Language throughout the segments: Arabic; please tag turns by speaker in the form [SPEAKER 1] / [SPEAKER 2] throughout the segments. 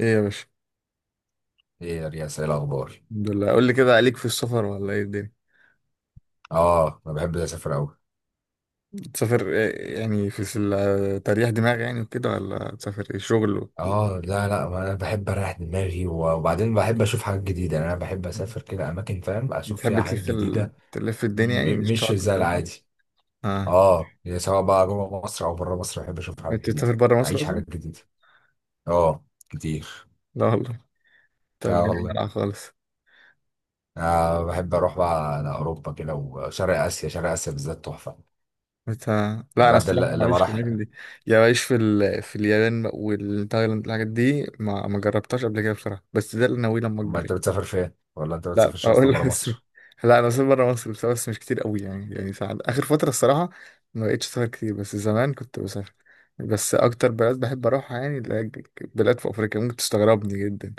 [SPEAKER 1] ايه يا باشا؟
[SPEAKER 2] ايه يا رياس، ايه الاخبار؟
[SPEAKER 1] الحمد لله. قول لي كده، عليك في السفر ولا ايه الدنيا؟
[SPEAKER 2] اه، انا بحب اسافر قوي.
[SPEAKER 1] تسافر إيه يعني؟ في تريح دماغ يعني وكده، ولا تسافر ايه، شغل و...
[SPEAKER 2] اه، لا لا، ما انا بحب اريح دماغي وبعدين بحب اشوف حاجات جديده. يعني انا بحب اسافر كده اماكن، فاهم، اشوف
[SPEAKER 1] بتحب
[SPEAKER 2] فيها حاجات جديده.
[SPEAKER 1] تلف الدنيا يعني، مش
[SPEAKER 2] مش
[SPEAKER 1] تقعد في
[SPEAKER 2] زي
[SPEAKER 1] الجامعة؟
[SPEAKER 2] العادي.
[SPEAKER 1] اه،
[SPEAKER 2] اه، يعني سواء بقى جوه مصر او بره مصر بحب اشوف حاجات
[SPEAKER 1] انت
[SPEAKER 2] جديده،
[SPEAKER 1] بتسافر بره مصر
[SPEAKER 2] اعيش
[SPEAKER 1] اصلا؟
[SPEAKER 2] حاجات جديده. اه، كتير.
[SPEAKER 1] لا والله. انت
[SPEAKER 2] اه
[SPEAKER 1] الدنيا
[SPEAKER 2] والله.
[SPEAKER 1] مالها خالص.
[SPEAKER 2] آه، بحب اروح بقى لاوروبا كده وشرق اسيا، شرق اسيا بالذات تحفه.
[SPEAKER 1] بت... لا، انا
[SPEAKER 2] بجد،
[SPEAKER 1] الصراحه،
[SPEAKER 2] لما
[SPEAKER 1] معلش، في
[SPEAKER 2] راح.
[SPEAKER 1] الاماكن دي. يا بعيش في اليابان والتايلاند، الحاجات دي ما جربتهاش قبل كده بصراحه، بس ده اللي ناويه لما
[SPEAKER 2] اما
[SPEAKER 1] اكبر
[SPEAKER 2] انت
[SPEAKER 1] يعني.
[SPEAKER 2] بتسافر فين، ولا انت
[SPEAKER 1] لا،
[SPEAKER 2] بتسافرش
[SPEAKER 1] اقول
[SPEAKER 2] اصلا بره
[SPEAKER 1] لك بس.
[SPEAKER 2] مصر؟
[SPEAKER 1] لا، انا سافرت بره مصر بس مش كتير قوي يعني ساعات، اخر فتره الصراحه ما بقتش اسافر كتير، بس زمان كنت بسافر. بس اكتر بلد بحب اروحها يعني، اللي هي بلاد في افريقيا ممكن تستغربني جدا.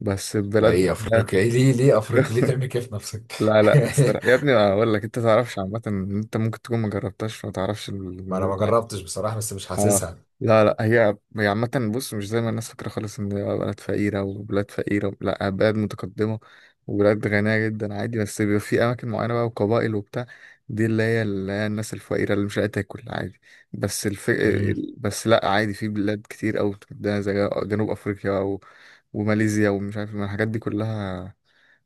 [SPEAKER 1] بس
[SPEAKER 2] اي
[SPEAKER 1] بلاد، لا.
[SPEAKER 2] افريقيا، ايه؟ ليه افريقيا؟ ليه تعمل كده في نفسك؟
[SPEAKER 1] لا، لا، الصراحه يا ابني اقول لك، انت تعرفش عامه إن انت ممكن تكون ما جربتهاش، فما تعرفش
[SPEAKER 2] ما انا
[SPEAKER 1] الموت.
[SPEAKER 2] ما جربتش بصراحه، بس مش
[SPEAKER 1] اه،
[SPEAKER 2] حاسسها.
[SPEAKER 1] لا، لا، هي عامة، بص مش زي ما الناس فاكرة خالص ان هي بلد فقيرة وبلاد فقيرة، لا بلد متقدمة، وبلاد غنية جدا عادي، بس بيبقى في أماكن معينة بقى وقبائل وبتاع. دي اللي هي الناس الفقيرة اللي مش قادرة تاكل عادي. بس الف...
[SPEAKER 2] امم.
[SPEAKER 1] بس لا، عادي، في بلاد كتير أوي متقدمة زي جنوب أفريقيا و... وماليزيا ومش عارف من الحاجات دي كلها،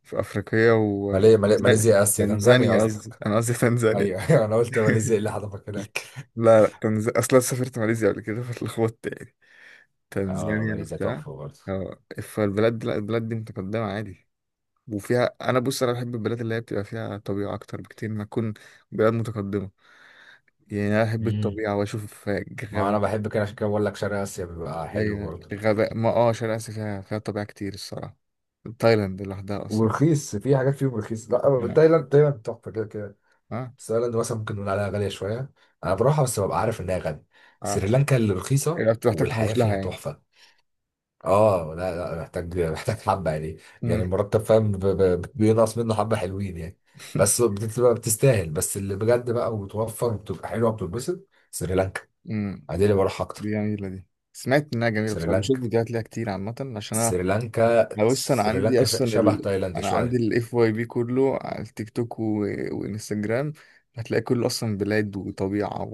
[SPEAKER 1] في أفريقيا و...
[SPEAKER 2] مالي ماليزيا اسيا،
[SPEAKER 1] يعني
[SPEAKER 2] تنزانيا
[SPEAKER 1] زانية، قصدي
[SPEAKER 2] قصدك؟
[SPEAKER 1] أنا، قصدي تنزانيا.
[SPEAKER 2] ايوه أيوة، انا قلت ماليزيا، ايه اللي حضرتك هناك؟
[SPEAKER 1] لا، لا، اصلا سافرت ماليزيا قبل كده فاتلخبطت يعني،
[SPEAKER 2] اه،
[SPEAKER 1] تنزانيا
[SPEAKER 2] ماليزيا
[SPEAKER 1] وبتاع.
[SPEAKER 2] تحفه برضه.
[SPEAKER 1] اه، لا، البلاد دي متقدمة عادي، وفيها بص انا بحب البلاد اللي هي بتبقى فيها طبيعة اكتر بكتير ما تكون بلاد متقدمة. يعني انا احب
[SPEAKER 2] امم.
[SPEAKER 1] الطبيعة واشوف
[SPEAKER 2] ما انا
[SPEAKER 1] غابات.
[SPEAKER 2] بحب كده، عشان كده بقول لك شرق اسيا بيبقى حلو
[SPEAKER 1] ايوه
[SPEAKER 2] برضه.
[SPEAKER 1] غابات، ما شرق اسيا فيها طبيعة كتير الصراحة. تايلاند لوحدها اصلا كفاية.
[SPEAKER 2] ورخيص، في حاجات فيهم رخيص. لا،
[SPEAKER 1] لا.
[SPEAKER 2] تايلاند تايلاند تحفه كده كده.
[SPEAKER 1] اه.
[SPEAKER 2] بس تايلاند مثلا ممكن نقول عليها غاليه شويه. انا بروحها بس ببقى عارف انها غاليه.
[SPEAKER 1] اه
[SPEAKER 2] سريلانكا اللي رخيصه.
[SPEAKER 1] إيه، بتحتاج
[SPEAKER 2] والحياه
[SPEAKER 1] تحوش لها
[SPEAKER 2] فيها
[SPEAKER 1] يعني؟
[SPEAKER 2] تحفه. اه، لا لا، محتاج حبه يعني. يعني
[SPEAKER 1] مم.
[SPEAKER 2] المرتب، فاهم، بينقص منه حبه، حلوين يعني. بس بتبقى بتستاهل، بس اللي بجد بقى وتوفر وبتبقى حلوه وبتتبسط سريلانكا.
[SPEAKER 1] مم.
[SPEAKER 2] عادي، اللي بروح
[SPEAKER 1] دي
[SPEAKER 2] اكتر.
[SPEAKER 1] جميلة دي. سمعت إنها جميلة بصراحة، بشوف
[SPEAKER 2] سريلانكا
[SPEAKER 1] فيديوهات ليها كتير عامة، عشان أنا...
[SPEAKER 2] سريلانكا
[SPEAKER 1] أنا بص،
[SPEAKER 2] سريلانكا شبه تايلاند
[SPEAKER 1] أنا عندي
[SPEAKER 2] شويه.
[SPEAKER 1] الFYP كله على التيك توك و... وإنستجرام، هتلاقي كله أصلا بلاد وطبيعة،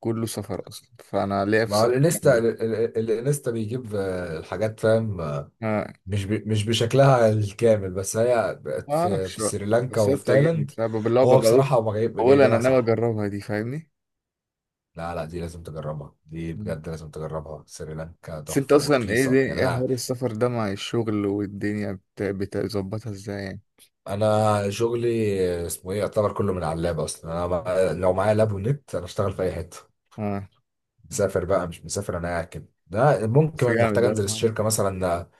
[SPEAKER 1] وكله سفر أصلا، فأنا ليا في
[SPEAKER 2] مع
[SPEAKER 1] السفر يعني
[SPEAKER 2] الانستا
[SPEAKER 1] إيه؟
[SPEAKER 2] ال- ال- الانستا بيجيب، الحاجات، فاهم،
[SPEAKER 1] ما
[SPEAKER 2] مش بشكلها الكامل، بس هي بقت
[SPEAKER 1] ما
[SPEAKER 2] في
[SPEAKER 1] أعرفش
[SPEAKER 2] في
[SPEAKER 1] بقى.
[SPEAKER 2] سريلانكا
[SPEAKER 1] بس هي
[SPEAKER 2] وفي
[SPEAKER 1] بتعجبني
[SPEAKER 2] تايلاند.
[SPEAKER 1] بصراحة، بالله،
[SPEAKER 2] هو
[SPEAKER 1] بقول
[SPEAKER 2] بصراحه هم
[SPEAKER 1] بقول أنا
[SPEAKER 2] جايبينها
[SPEAKER 1] ناوي
[SPEAKER 2] صح.
[SPEAKER 1] أجربها دي، فاهمني؟
[SPEAKER 2] لا لا، دي لازم تجربها، دي
[SPEAKER 1] مم.
[SPEAKER 2] بجد لازم تجربها. سريلانكا
[SPEAKER 1] بس أنت
[SPEAKER 2] تحفة
[SPEAKER 1] أصلا، إيه دي،
[SPEAKER 2] ورخيصة، يعني
[SPEAKER 1] إيه
[SPEAKER 2] أنا.
[SPEAKER 1] حوار السفر ده مع الشغل والدنيا بتظبطها إزاي يعني؟
[SPEAKER 2] أنا شغلي اسمه إيه، يعتبر كله من على اللاب أصلا. أنا لو معايا لاب ونت أنا أشتغل في أي حتة.
[SPEAKER 1] آه،
[SPEAKER 2] مسافر بقى مش مسافر، أنا قاعد كده. ده
[SPEAKER 1] بس
[SPEAKER 2] ممكن
[SPEAKER 1] جامد
[SPEAKER 2] أحتاج
[SPEAKER 1] ده.
[SPEAKER 2] أنزل الشركة مثلا،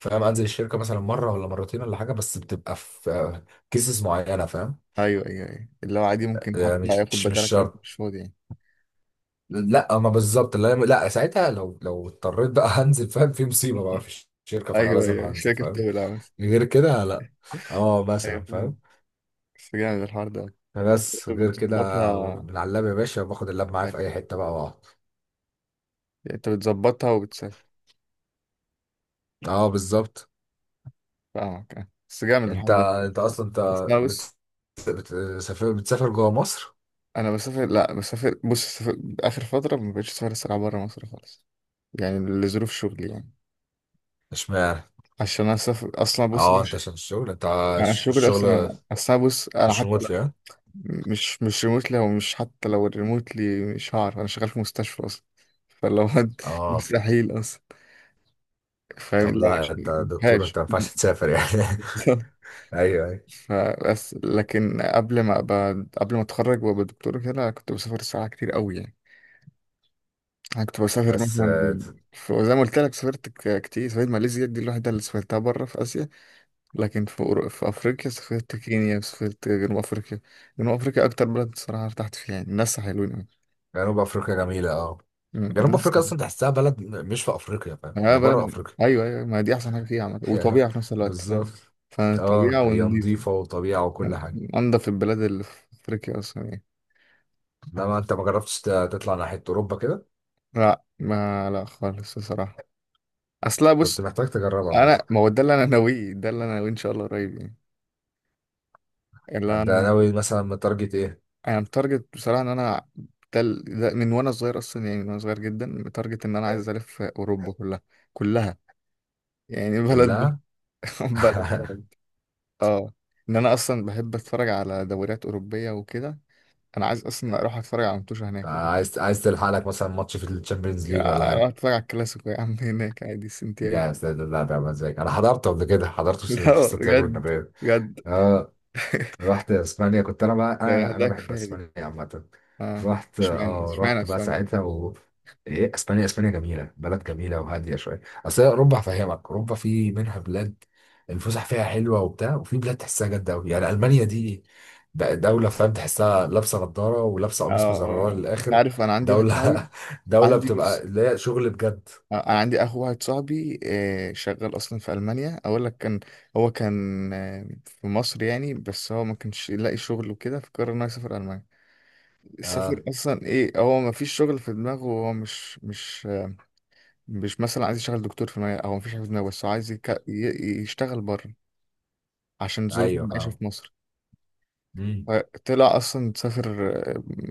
[SPEAKER 2] فاهم، أنزل الشركة مثلا مرة ولا مرتين ولا حاجة، بس بتبقى في كيسز معينة، فاهم.
[SPEAKER 1] ايوه، ايوه، ايوه، اللي هو عادي ممكن حتى
[SPEAKER 2] مش
[SPEAKER 1] ياخد
[SPEAKER 2] مش مش
[SPEAKER 1] بدالك لو انت
[SPEAKER 2] شرط.
[SPEAKER 1] مش فاضي يعني.
[SPEAKER 2] لا، ما بالظبط، لا لا، ساعتها لو اضطريت بقى هنزل، فاهم، في مصيبة بقى في الشركة، فأنا
[SPEAKER 1] ايوه،
[SPEAKER 2] لازم
[SPEAKER 1] ايوه، مش
[SPEAKER 2] هنزل،
[SPEAKER 1] فاكر
[SPEAKER 2] فاهم.
[SPEAKER 1] بتقول بس.
[SPEAKER 2] غير كده لا. اه،
[SPEAKER 1] ايوه
[SPEAKER 2] مثلا، فاهم.
[SPEAKER 1] فاهم. بس جامد الحوار ده،
[SPEAKER 2] بس
[SPEAKER 1] برضه
[SPEAKER 2] غير كده.
[SPEAKER 1] بتظبطها.
[SPEAKER 2] من على اللاب يا باشا، باخد اللاب معايا في
[SPEAKER 1] يعني
[SPEAKER 2] اي حته بقى واقعد.
[SPEAKER 1] انت بتظبطها وبتسافر.
[SPEAKER 2] اه، بالظبط.
[SPEAKER 1] فاهمك. آه. بس جامد
[SPEAKER 2] انت
[SPEAKER 1] الحوار
[SPEAKER 2] انت
[SPEAKER 1] ده.
[SPEAKER 2] اصلا انت
[SPEAKER 1] اصل أنا، بص،
[SPEAKER 2] بت- بتسافر جوه مصر؟
[SPEAKER 1] انا بسافر، لا بسافر، بص، اخر فتره ما بقتش اسافر الصراحه بره مصر خالص، يعني لظروف شغلي يعني،
[SPEAKER 2] اشمعنى؟
[SPEAKER 1] عشان انا اسافر اصلا، بص انا
[SPEAKER 2] اه، انت عشان الشغل انت.
[SPEAKER 1] يعني الشغل
[SPEAKER 2] الشغل
[SPEAKER 1] اصلا بص انا
[SPEAKER 2] مش
[SPEAKER 1] حتى
[SPEAKER 2] ريموتلي، ها؟
[SPEAKER 1] مش ريموتلي، او مش حتى لو الريموتلي مش هعرف، انا شغال في مستشفى اصلا، فلو
[SPEAKER 2] اه،
[SPEAKER 1] مستحيل اصلا، فاهم،
[SPEAKER 2] طب
[SPEAKER 1] لا مش
[SPEAKER 2] لا، انت دكتور،
[SPEAKER 1] مفيهاش.
[SPEAKER 2] انت ما ينفعش تسافر يعني.
[SPEAKER 1] بالظبط.
[SPEAKER 2] ايوه ايوه.
[SPEAKER 1] فبس لكن قبل ما اتخرج وابقى دكتور كده، أنا كنت بسافر الصراحه كتير قوي يعني، انا كنت بسافر
[SPEAKER 2] بس
[SPEAKER 1] مثلا، في، زي ما قلت لك، سافرت كتير، سافرت ماليزيا دي الوحيده اللي سافرتها بره في اسيا، لكن في افريقيا، سافرت كينيا، سافرت جنوب افريقيا. جنوب افريقيا اكتر بلد الصراحه ارتحت فيها يعني، الناس حلوين أوي.
[SPEAKER 2] جنوب افريقيا جميله، اه. جنوب
[SPEAKER 1] الناس،
[SPEAKER 2] افريقيا اصلا تحسها بلد مش في افريقيا، فاهم،
[SPEAKER 1] اه،
[SPEAKER 2] هي
[SPEAKER 1] بلد،
[SPEAKER 2] بره افريقيا.
[SPEAKER 1] ايوه، ايوه، ما دي احسن حاجه فيها، عامه
[SPEAKER 2] يعني،
[SPEAKER 1] وطبيعه في نفس الوقت فاهم،
[SPEAKER 2] بالظبط. اه،
[SPEAKER 1] فطبيعه
[SPEAKER 2] هي
[SPEAKER 1] ونضيف،
[SPEAKER 2] نظيفة وطبيعة وكل حاجة.
[SPEAKER 1] انضف البلاد اللي في افريقيا اصلا يعني.
[SPEAKER 2] انما انت ما جربتش تطلع ناحية اوروبا كده؟
[SPEAKER 1] لا، ما لا خالص الصراحه، اصلا
[SPEAKER 2] كنت
[SPEAKER 1] بص.
[SPEAKER 2] محتاج تجربها مثلا.
[SPEAKER 1] انا ما هو ده اللي انا ناويه ان شاء الله قريب يعني، اللي
[SPEAKER 2] ده
[SPEAKER 1] انا،
[SPEAKER 2] ناوي مثلا متارجت ايه؟
[SPEAKER 1] انا متارجت بصراحه ان انا، ده من وانا صغير اصلا، يعني من وانا صغير جدا متارجت ان انا عايز الف اوروبا كلها، كلها، يعني بلد،
[SPEAKER 2] كلها.
[SPEAKER 1] بلد بلد، اه، ان انا اصلا بحب اتفرج على دوريات اوروبيه وكده، انا عايز اصلا اروح اتفرج على متوشة هناك يعني،
[SPEAKER 2] عايز تلحق لك مثلا ماتش في الشامبيونز ليج ولا
[SPEAKER 1] يعني اروح
[SPEAKER 2] حاجة؟
[SPEAKER 1] اتفرج على الكلاسيكو يا عم هناك عادي، سنتياجو.
[SPEAKER 2] يا ساتر، لا، ده مزاج، انا حضرته قبل كده، حضرته في
[SPEAKER 1] لا،
[SPEAKER 2] سانتياغو
[SPEAKER 1] بجد.
[SPEAKER 2] النابيو.
[SPEAKER 1] بجد.
[SPEAKER 2] اه، رحت اسبانيا، كنت انا بقى،
[SPEAKER 1] لا،
[SPEAKER 2] انا
[SPEAKER 1] لوحدها
[SPEAKER 2] بحب
[SPEAKER 1] كفايه دي.
[SPEAKER 2] اسبانيا عامه.
[SPEAKER 1] اه، اشمعنى اشمعنى
[SPEAKER 2] رحت بقى
[SPEAKER 1] السؤال يعني؟
[SPEAKER 2] ساعتها و. إيه، اسبانيا اسبانيا جميله، بلد جميله وهاديه شويه، اصل هي اوروبا، هفهمك، اوروبا في منها بلاد. الفسح فيها حلوه وبتاع، وفي بلاد تحسها جد قوي، يعني المانيا دي. دوله، فاهم، تحسها لابسه نضاره ولابسه
[SPEAKER 1] اه،
[SPEAKER 2] قميص
[SPEAKER 1] اه،
[SPEAKER 2] مزرره
[SPEAKER 1] آه. انت
[SPEAKER 2] للاخر.
[SPEAKER 1] عارف انا عندي واحد
[SPEAKER 2] دوله
[SPEAKER 1] صاحبي،
[SPEAKER 2] دوله
[SPEAKER 1] عندي
[SPEAKER 2] بتبقى
[SPEAKER 1] بس
[SPEAKER 2] اللي هي شغل بجد.
[SPEAKER 1] آه، انا عندي اخو واحد صاحبي آه، شغال اصلا في المانيا، اقول لك، كان، هو كان آه، في مصر يعني، بس هو ما كانش يلاقي شغل وكده، فقرر انه يسافر المانيا.
[SPEAKER 2] اه،
[SPEAKER 1] سافر اصلا، ايه، هو ما فيش شغل في دماغه، هو مش مثلا عايز يشتغل دكتور في دماغه، او مفيش حاجه في دماغه، بس هو عايز يشتغل بره عشان ظروف
[SPEAKER 2] ايوه،
[SPEAKER 1] المعيشه
[SPEAKER 2] فاهم.
[SPEAKER 1] في مصر،
[SPEAKER 2] مم.
[SPEAKER 1] فطلع اصلا سافر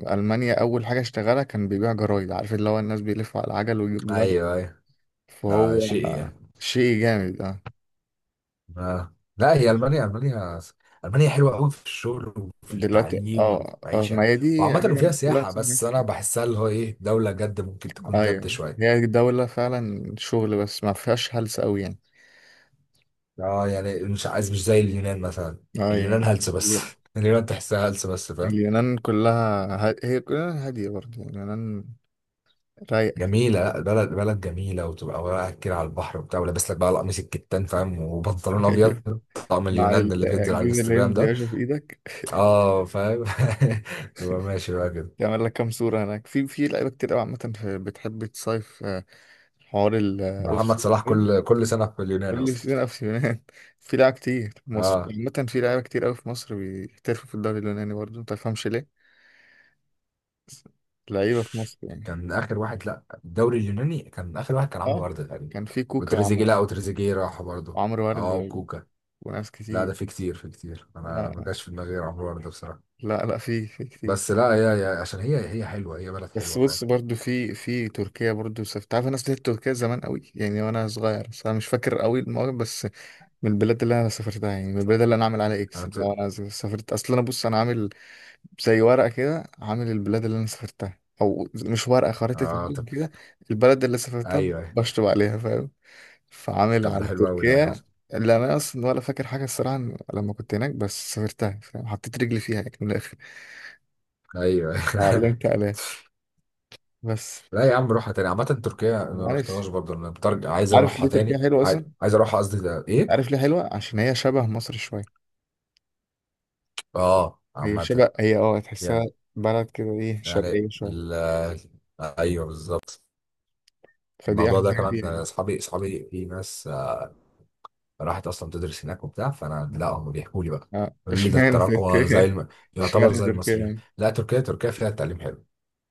[SPEAKER 1] آه، المانيا، اول حاجه اشتغلها كان بيبيع جرايد، عارف اللي هو الناس بيلفوا على العجل ويجيبوا جرايد،
[SPEAKER 2] ايوه ايوه.
[SPEAKER 1] فهو
[SPEAKER 2] ده شيء
[SPEAKER 1] آه،
[SPEAKER 2] يعني.
[SPEAKER 1] شيء جامد اه.
[SPEAKER 2] ما لا، هي المانيا المانيا حلوه قوي في الشغل وفي
[SPEAKER 1] دلوقتي
[SPEAKER 2] التعليم وفي
[SPEAKER 1] اه، اه، ما
[SPEAKER 2] المعيشه.
[SPEAKER 1] هي دي،
[SPEAKER 2] وعامه
[SPEAKER 1] هي
[SPEAKER 2] وفيها
[SPEAKER 1] الناس كلها
[SPEAKER 2] سياحه،
[SPEAKER 1] بتعمل
[SPEAKER 2] بس انا
[SPEAKER 1] كده.
[SPEAKER 2] بحسها اللي هو ايه، دوله جد، ممكن تكون جد
[SPEAKER 1] ايوه،
[SPEAKER 2] شويه.
[SPEAKER 1] هي دولة فعلا شغل، بس ما فيهاش هلس قوي يعني.
[SPEAKER 2] اه، يعني مش عايز، مش زي اليونان مثلا.
[SPEAKER 1] ايوه.
[SPEAKER 2] اليونان هلس بس اليونان تحسها هلس بس، فاهم.
[SPEAKER 1] اليونان كلها هي كلها هادية برضه يعني، اليونان رايقة كده.
[SPEAKER 2] جميله، لا، بلد جميله، وتبقى واقع كده على البحر وبتاع، ولابس لك بقى القميص الكتان، فاهم، وبنطلون ابيض.
[SPEAKER 1] أيوة.
[SPEAKER 2] طقم
[SPEAKER 1] مع
[SPEAKER 2] اليونان ده اللي بينزل على
[SPEAKER 1] الجوز
[SPEAKER 2] الانستجرام
[SPEAKER 1] الهند يا
[SPEAKER 2] ده.
[SPEAKER 1] باشا في ايدك،
[SPEAKER 2] اه، فاهم. تبقى ماشي بقى كده.
[SPEAKER 1] يعمل لك كام صورة هناك، في لعيبة كتير قوي عامة، بتحب تصيف آه، حوار الاوف
[SPEAKER 2] محمد صلاح
[SPEAKER 1] سيزون،
[SPEAKER 2] كل سنه في اليونان
[SPEAKER 1] كل
[SPEAKER 2] اصلا.
[SPEAKER 1] سيزون اوف سيزون. في لعيبة كتير. في مصر
[SPEAKER 2] اه،
[SPEAKER 1] عامة، في لعيبة كتير قوي في مصر بيحترفوا في الدوري اليوناني برضه، ما تفهمش ليه بس، لعيبة في مصر يعني.
[SPEAKER 2] كان اخر واحد، لا الدوري اليوناني كان اخر واحد، كان عمرو
[SPEAKER 1] اه،
[SPEAKER 2] برده تقريبا.
[SPEAKER 1] كان في كوكا
[SPEAKER 2] وتريزيجيه
[SPEAKER 1] وعمرو،
[SPEAKER 2] لا وتريزيجيه راح برضه.
[SPEAKER 1] وعمرو ورد
[SPEAKER 2] اه، وكوكا.
[SPEAKER 1] وناس
[SPEAKER 2] لا، ده
[SPEAKER 1] كتير.
[SPEAKER 2] في كتير في كتير، انا ما
[SPEAKER 1] آه.
[SPEAKER 2] جاش في دماغي غير عمرو برده بصراحه.
[SPEAKER 1] لا، لا، في كتير.
[SPEAKER 2] بس لا، هي هي عشان هي هي حلوه، هي بلد
[SPEAKER 1] بس
[SPEAKER 2] حلوه
[SPEAKER 1] بص،
[SPEAKER 2] فعلا.
[SPEAKER 1] برضو في تركيا برضو سافرت، عارف، انا سافرت تركيا زمان قوي يعني وانا صغير، بس انا مش فاكر قوي المواقف بس، من البلاد اللي انا سافرتها يعني، من البلاد اللي انا عامل عليها
[SPEAKER 2] انا
[SPEAKER 1] اكس
[SPEAKER 2] ت...
[SPEAKER 1] لو انا سافرت، اصل انا، بص، انا عامل زي ورقه كده، عامل البلاد اللي انا سافرتها، او مش ورقه، خريطه
[SPEAKER 2] اه،
[SPEAKER 1] العالم
[SPEAKER 2] طب.
[SPEAKER 1] كده، البلد اللي
[SPEAKER 2] ايوه،
[SPEAKER 1] سافرتها
[SPEAKER 2] أيوة.
[SPEAKER 1] بشطب عليها فاهم، فعامل
[SPEAKER 2] طب ده
[SPEAKER 1] على
[SPEAKER 2] حلو قوي ده عامه.
[SPEAKER 1] تركيا، اللي انا اصلا ولا فاكر حاجه الصراحه لما كنت هناك، بس سافرتها فاهم، حطيت رجلي فيها يعني من الاخر،
[SPEAKER 2] ايوه.
[SPEAKER 1] وعلمت عليها بس.
[SPEAKER 2] لا يا عم، روحها تاني عامه. تركيا ما
[SPEAKER 1] عارف،
[SPEAKER 2] رحتهاش برضه انا، بترجع عايز
[SPEAKER 1] عارف ليه
[SPEAKER 2] اروحها
[SPEAKER 1] تركيا
[SPEAKER 2] تاني،
[SPEAKER 1] حلوة أصلا؟
[SPEAKER 2] عايز اروحها قصدي، ده ايه؟
[SPEAKER 1] عارف ليه حلوة؟ عشان هي شبه مصر شوية،
[SPEAKER 2] اه،
[SPEAKER 1] هي
[SPEAKER 2] عامه
[SPEAKER 1] شبه، هي تحسها
[SPEAKER 2] يعني.
[SPEAKER 1] بلد كده ايه،
[SPEAKER 2] يعني
[SPEAKER 1] شرقية شوية،
[SPEAKER 2] ال... ايوه، بالظبط.
[SPEAKER 1] فدي
[SPEAKER 2] الموضوع
[SPEAKER 1] أحلى
[SPEAKER 2] ده
[SPEAKER 1] حاجة فيها
[SPEAKER 2] كمان،
[SPEAKER 1] يعني.
[SPEAKER 2] اصحابي في ناس، راحت اصلا تدرس هناك وبتاع، فانا لا، هم بيحكوا لي بقى.
[SPEAKER 1] اه،
[SPEAKER 2] قالوا لي ده
[SPEAKER 1] اشمعنى
[SPEAKER 2] التراكوة زي
[SPEAKER 1] تركيا؟
[SPEAKER 2] الم... يعتبر
[SPEAKER 1] اشمعنى
[SPEAKER 2] زي
[SPEAKER 1] تركيا
[SPEAKER 2] المصريين.
[SPEAKER 1] يعني؟
[SPEAKER 2] لا، تركيا تركيا فيها التعليم حلو.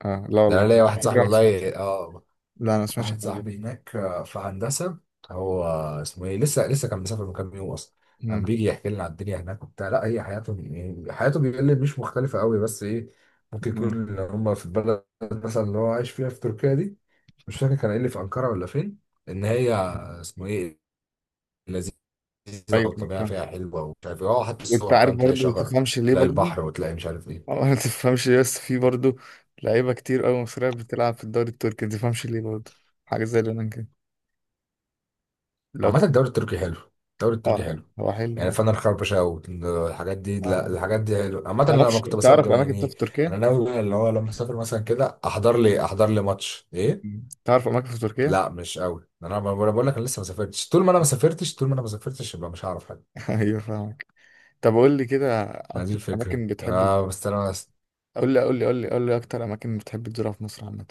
[SPEAKER 1] اه، لا
[SPEAKER 2] ده
[SPEAKER 1] والله
[SPEAKER 2] انا ليا
[SPEAKER 1] على
[SPEAKER 2] واحد صاحبي
[SPEAKER 1] فكرة ما سمعتش،
[SPEAKER 2] والله، اه.
[SPEAKER 1] لا أنا ما سمعتش عن
[SPEAKER 2] واحد
[SPEAKER 1] الحوار ده.
[SPEAKER 2] صاحبي هناك، في هندسة. هو اسمه ايه، لسه كان مسافر من كام يوم اصلا.
[SPEAKER 1] مم.
[SPEAKER 2] كان بيجي يحكي لنا على الدنيا هناك وبتاع، لا هي حياته. حياته بيقول لي مش مختلفة قوي، بس ايه، ممكن يكون
[SPEAKER 1] مم.
[SPEAKER 2] إن هم في البلد مثلا اللي هو عايش فيها في تركيا دي. مش فاكر كان قايل لي في أنقرة ولا فين. ان هي، اسمه ايه، لذيذة.
[SPEAKER 1] أيوة، أيوة،
[SPEAKER 2] والطبيعة
[SPEAKER 1] فاهم.
[SPEAKER 2] فيها حلوة ومش عارف ايه. اه، حتى
[SPEAKER 1] وأنت
[SPEAKER 2] الصور،
[SPEAKER 1] عارف
[SPEAKER 2] فاهم، تلاقي
[SPEAKER 1] برضه ما
[SPEAKER 2] شجر،
[SPEAKER 1] تفهمش ليه
[SPEAKER 2] تلاقي
[SPEAKER 1] برضه؟
[SPEAKER 2] البحر، وتلاقي مش عارف ايه.
[SPEAKER 1] اه، ما تفهمش ليه بس في برضه لعيبة كتير أوي مصرية بتلعب في الدوري التركي، ما تفهمش ليه برضه، حاجة زي اليونان كده، لو
[SPEAKER 2] عامة الدوري التركي حلو. الدوري
[SPEAKER 1] اه،
[SPEAKER 2] التركي
[SPEAKER 1] آه،
[SPEAKER 2] حلو.
[SPEAKER 1] هو حلو
[SPEAKER 2] يعني
[SPEAKER 1] اه.
[SPEAKER 2] فانا الخربشة والحاجات دي، لا
[SPEAKER 1] آه.
[SPEAKER 2] الحاجات دي حلو عامة، أنا لما
[SPEAKER 1] معرفش،
[SPEAKER 2] كنت بسافر
[SPEAKER 1] تعرف
[SPEAKER 2] ده
[SPEAKER 1] اماكن طب
[SPEAKER 2] يعني.
[SPEAKER 1] في تركيا؟
[SPEAKER 2] انا ناوي اللي هو لما اسافر مثلا كده، احضر لي ماتش، ايه.
[SPEAKER 1] مم. تعرف اماكن في تركيا؟
[SPEAKER 2] لا مش قوي، انا أنا بقول لك انا لسه ما سافرتش، طول ما انا ما سافرتش يبقى مش هعرف حاجة.
[SPEAKER 1] ايوه فاهمك. طب قول لي كده
[SPEAKER 2] ما دي
[SPEAKER 1] اكتر
[SPEAKER 2] الفكرة،
[SPEAKER 1] اماكن بتحب،
[SPEAKER 2] بس انا بس.
[SPEAKER 1] قول لي، قول لي، قول لي، قول لي اكتر اماكن بتحب تزورها في مصر عامه.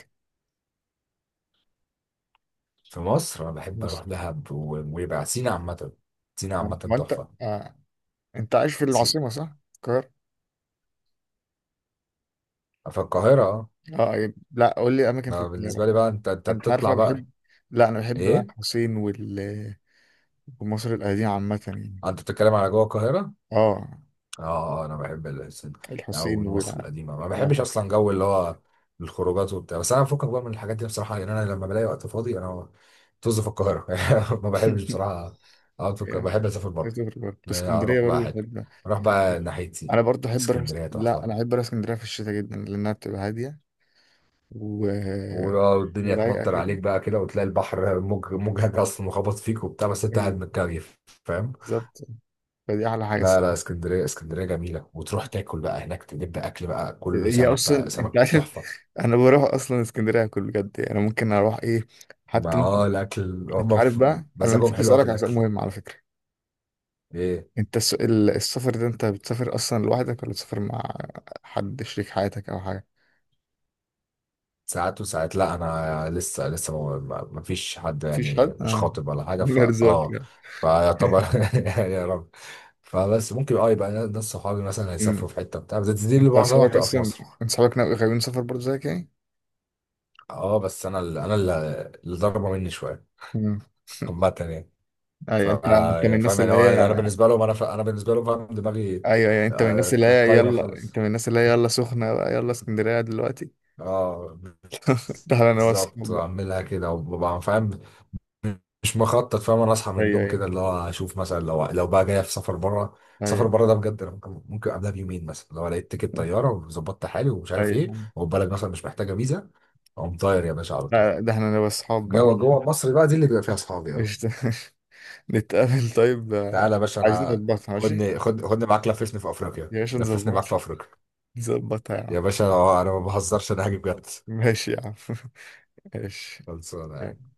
[SPEAKER 2] في مصر انا
[SPEAKER 1] في
[SPEAKER 2] بحب
[SPEAKER 1] مصر،
[SPEAKER 2] اروح دهب ويبقى سينا عامة. سينا
[SPEAKER 1] آه،
[SPEAKER 2] عامة
[SPEAKER 1] ما انت
[SPEAKER 2] تحفة.
[SPEAKER 1] آه. انت عايش في
[SPEAKER 2] سينا.
[SPEAKER 1] العاصمه، صح؟ القاهره،
[SPEAKER 2] في القاهرة، اه.
[SPEAKER 1] اه، أيوة. لا، قول لي اماكن في
[SPEAKER 2] ما بالنسبة
[SPEAKER 1] القاهره.
[SPEAKER 2] لي بقى، انت
[SPEAKER 1] انت عارف
[SPEAKER 2] بتطلع
[SPEAKER 1] انا
[SPEAKER 2] بقى.
[SPEAKER 1] بحب، لا انا بحب بقى
[SPEAKER 2] ايه؟
[SPEAKER 1] الحسين وال، ومصر القديمه عامه يعني.
[SPEAKER 2] انت بتتكلم على جوه القاهرة؟
[SPEAKER 1] اه،
[SPEAKER 2] اه، انا بحب او من
[SPEAKER 1] الحسين وال.
[SPEAKER 2] مصر القديمه. ما
[SPEAKER 1] آه.
[SPEAKER 2] بحبش اصلا جو اللي هو الخروجات وبتاع، بس انا بفكك بقى من الحاجات دي بصراحه، لان انا لما بلاقي وقت فاضي انا، طز في القاهره. ما بحبش بصراحه اقعد في القاهره،
[SPEAKER 1] يعني،
[SPEAKER 2] بحب اسافر
[SPEAKER 1] عايز
[SPEAKER 2] بره.
[SPEAKER 1] أسافر برضه، بس اسكندرية
[SPEAKER 2] اروح
[SPEAKER 1] برضه
[SPEAKER 2] بقى حته،
[SPEAKER 1] بحب،
[SPEAKER 2] اروح بقى
[SPEAKER 1] بحب-
[SPEAKER 2] ناحيتي.
[SPEAKER 1] أنا برضه أحب أروح اسك-
[SPEAKER 2] اسكندريه
[SPEAKER 1] لا،
[SPEAKER 2] تحفه.
[SPEAKER 1] أنا أحب أروح اسكندرية في الشتاء جدا لأنها بتبقى هادية و...
[SPEAKER 2] والدنيا
[SPEAKER 1] ورايقة
[SPEAKER 2] تمطر
[SPEAKER 1] كده.
[SPEAKER 2] عليك بقى كده، وتلاقي البحر موج موجهك اصلا وخبط فيك وبتاع، بس انت
[SPEAKER 1] إيه،
[SPEAKER 2] قاعد متكيف، فاهم.
[SPEAKER 1] بالظبط، فدي أحلى حاجة
[SPEAKER 2] لا لا،
[SPEAKER 1] الصراحة.
[SPEAKER 2] اسكندريه اسكندريه جميله، وتروح تاكل بقى هناك، تجيب اكل بقى كله
[SPEAKER 1] هي
[SPEAKER 2] سمك، بقى
[SPEAKER 1] أصلا أنت
[SPEAKER 2] سمك
[SPEAKER 1] عارف،
[SPEAKER 2] تحفه.
[SPEAKER 1] أنا بروح أصلا اسكندرية كل بجد يعني، أنا ممكن أروح إيه،
[SPEAKER 2] ما
[SPEAKER 1] حتى ممكن،
[SPEAKER 2] الاكل
[SPEAKER 1] أنت
[SPEAKER 2] هم
[SPEAKER 1] عارف بقى، أنا
[SPEAKER 2] مزاجهم
[SPEAKER 1] نسيت
[SPEAKER 2] حلو قوي في
[SPEAKER 1] أسألك على سؤال
[SPEAKER 2] الاكل.
[SPEAKER 1] مهم على فكرة.
[SPEAKER 2] ايه؟
[SPEAKER 1] أنت السفر ده، أنت بتسافر أصلا لوحدك ولا بتسافر مع حد، شريك حياتك أو حاجة؟
[SPEAKER 2] ساعات وساعات، لا، انا لسه ما فيش حد
[SPEAKER 1] مفيش
[SPEAKER 2] يعني،
[SPEAKER 1] حد؟
[SPEAKER 2] مش
[SPEAKER 1] آه
[SPEAKER 2] خاطب ولا حاجه،
[SPEAKER 1] من
[SPEAKER 2] فا
[SPEAKER 1] أرزاق
[SPEAKER 2] اه
[SPEAKER 1] يعني.
[SPEAKER 2] فيعتبر يعني، يا رب. فبس، ممكن يبقى ناس صحابي مثلا هيسافروا في حته بتاع، بس دي اللي
[SPEAKER 1] انت
[SPEAKER 2] معظمها
[SPEAKER 1] اصحابك
[SPEAKER 2] هتبقى في
[SPEAKER 1] اصلا،
[SPEAKER 2] مصر.
[SPEAKER 1] انت اصحابك غاويين سفر برضه زيك يعني؟
[SPEAKER 2] اه، بس انا اللي ضربه مني شويه
[SPEAKER 1] امم.
[SPEAKER 2] عامه يعني. ف-
[SPEAKER 1] ايوه، انت، انت من
[SPEAKER 2] فاهم،
[SPEAKER 1] الناس
[SPEAKER 2] يعني
[SPEAKER 1] اللي
[SPEAKER 2] هو، انا
[SPEAKER 1] هي،
[SPEAKER 2] بالنسبه لهم، انا بالنسبه لهم، فاهم، دماغي
[SPEAKER 1] ايوه، ايوه،
[SPEAKER 2] آه، طايره
[SPEAKER 1] انت
[SPEAKER 2] خالص.
[SPEAKER 1] من الناس اللي هي، يلا سخنه بقى، يلا اسكندريه دلوقتي.
[SPEAKER 2] اه،
[SPEAKER 1] ده انا
[SPEAKER 2] بالظبط،
[SPEAKER 1] واصحاب بقى،
[SPEAKER 2] اعملها كده وببقى فاهم. مش مخطط، فاهم، انا اصحى من
[SPEAKER 1] ايوه،
[SPEAKER 2] النوم
[SPEAKER 1] ايوه،
[SPEAKER 2] كده اللي هو اشوف مثلا لو بقى جاي في سفر بره. سفر
[SPEAKER 1] ايوه،
[SPEAKER 2] بره ده بجد، انا ممكن قبلها بيومين مثلا لو لقيت تيكت طياره وظبطت حالي ومش عارف ايه،
[SPEAKER 1] ايوه.
[SPEAKER 2] وبالك مثلا مش محتاجه فيزا، اقوم طاير يا باشا على طول.
[SPEAKER 1] لا، ده احنا، انا واصحاب بقى.
[SPEAKER 2] جوه جوه مصر بقى، دي اللي بيبقى فيها اصحابي، اه.
[SPEAKER 1] قشطة. نتقابل طيب آه،
[SPEAKER 2] تعالى يا باشا،
[SPEAKER 1] عايزين
[SPEAKER 2] انا،
[SPEAKER 1] نظبطها، ماشي.
[SPEAKER 2] خدني معاك، لففني في افريقيا،
[SPEAKER 1] يا باشا
[SPEAKER 2] لففني معاك
[SPEAKER 1] نظبطها،
[SPEAKER 2] في افريقيا.
[SPEAKER 1] نظبطها يا عم.
[SPEAKER 2] يا باشا، انا ما بهزرش، انا هاجي بجد.
[SPEAKER 1] ماشي يا عم. ماشي
[SPEAKER 2] خلصانه.
[SPEAKER 1] يعني.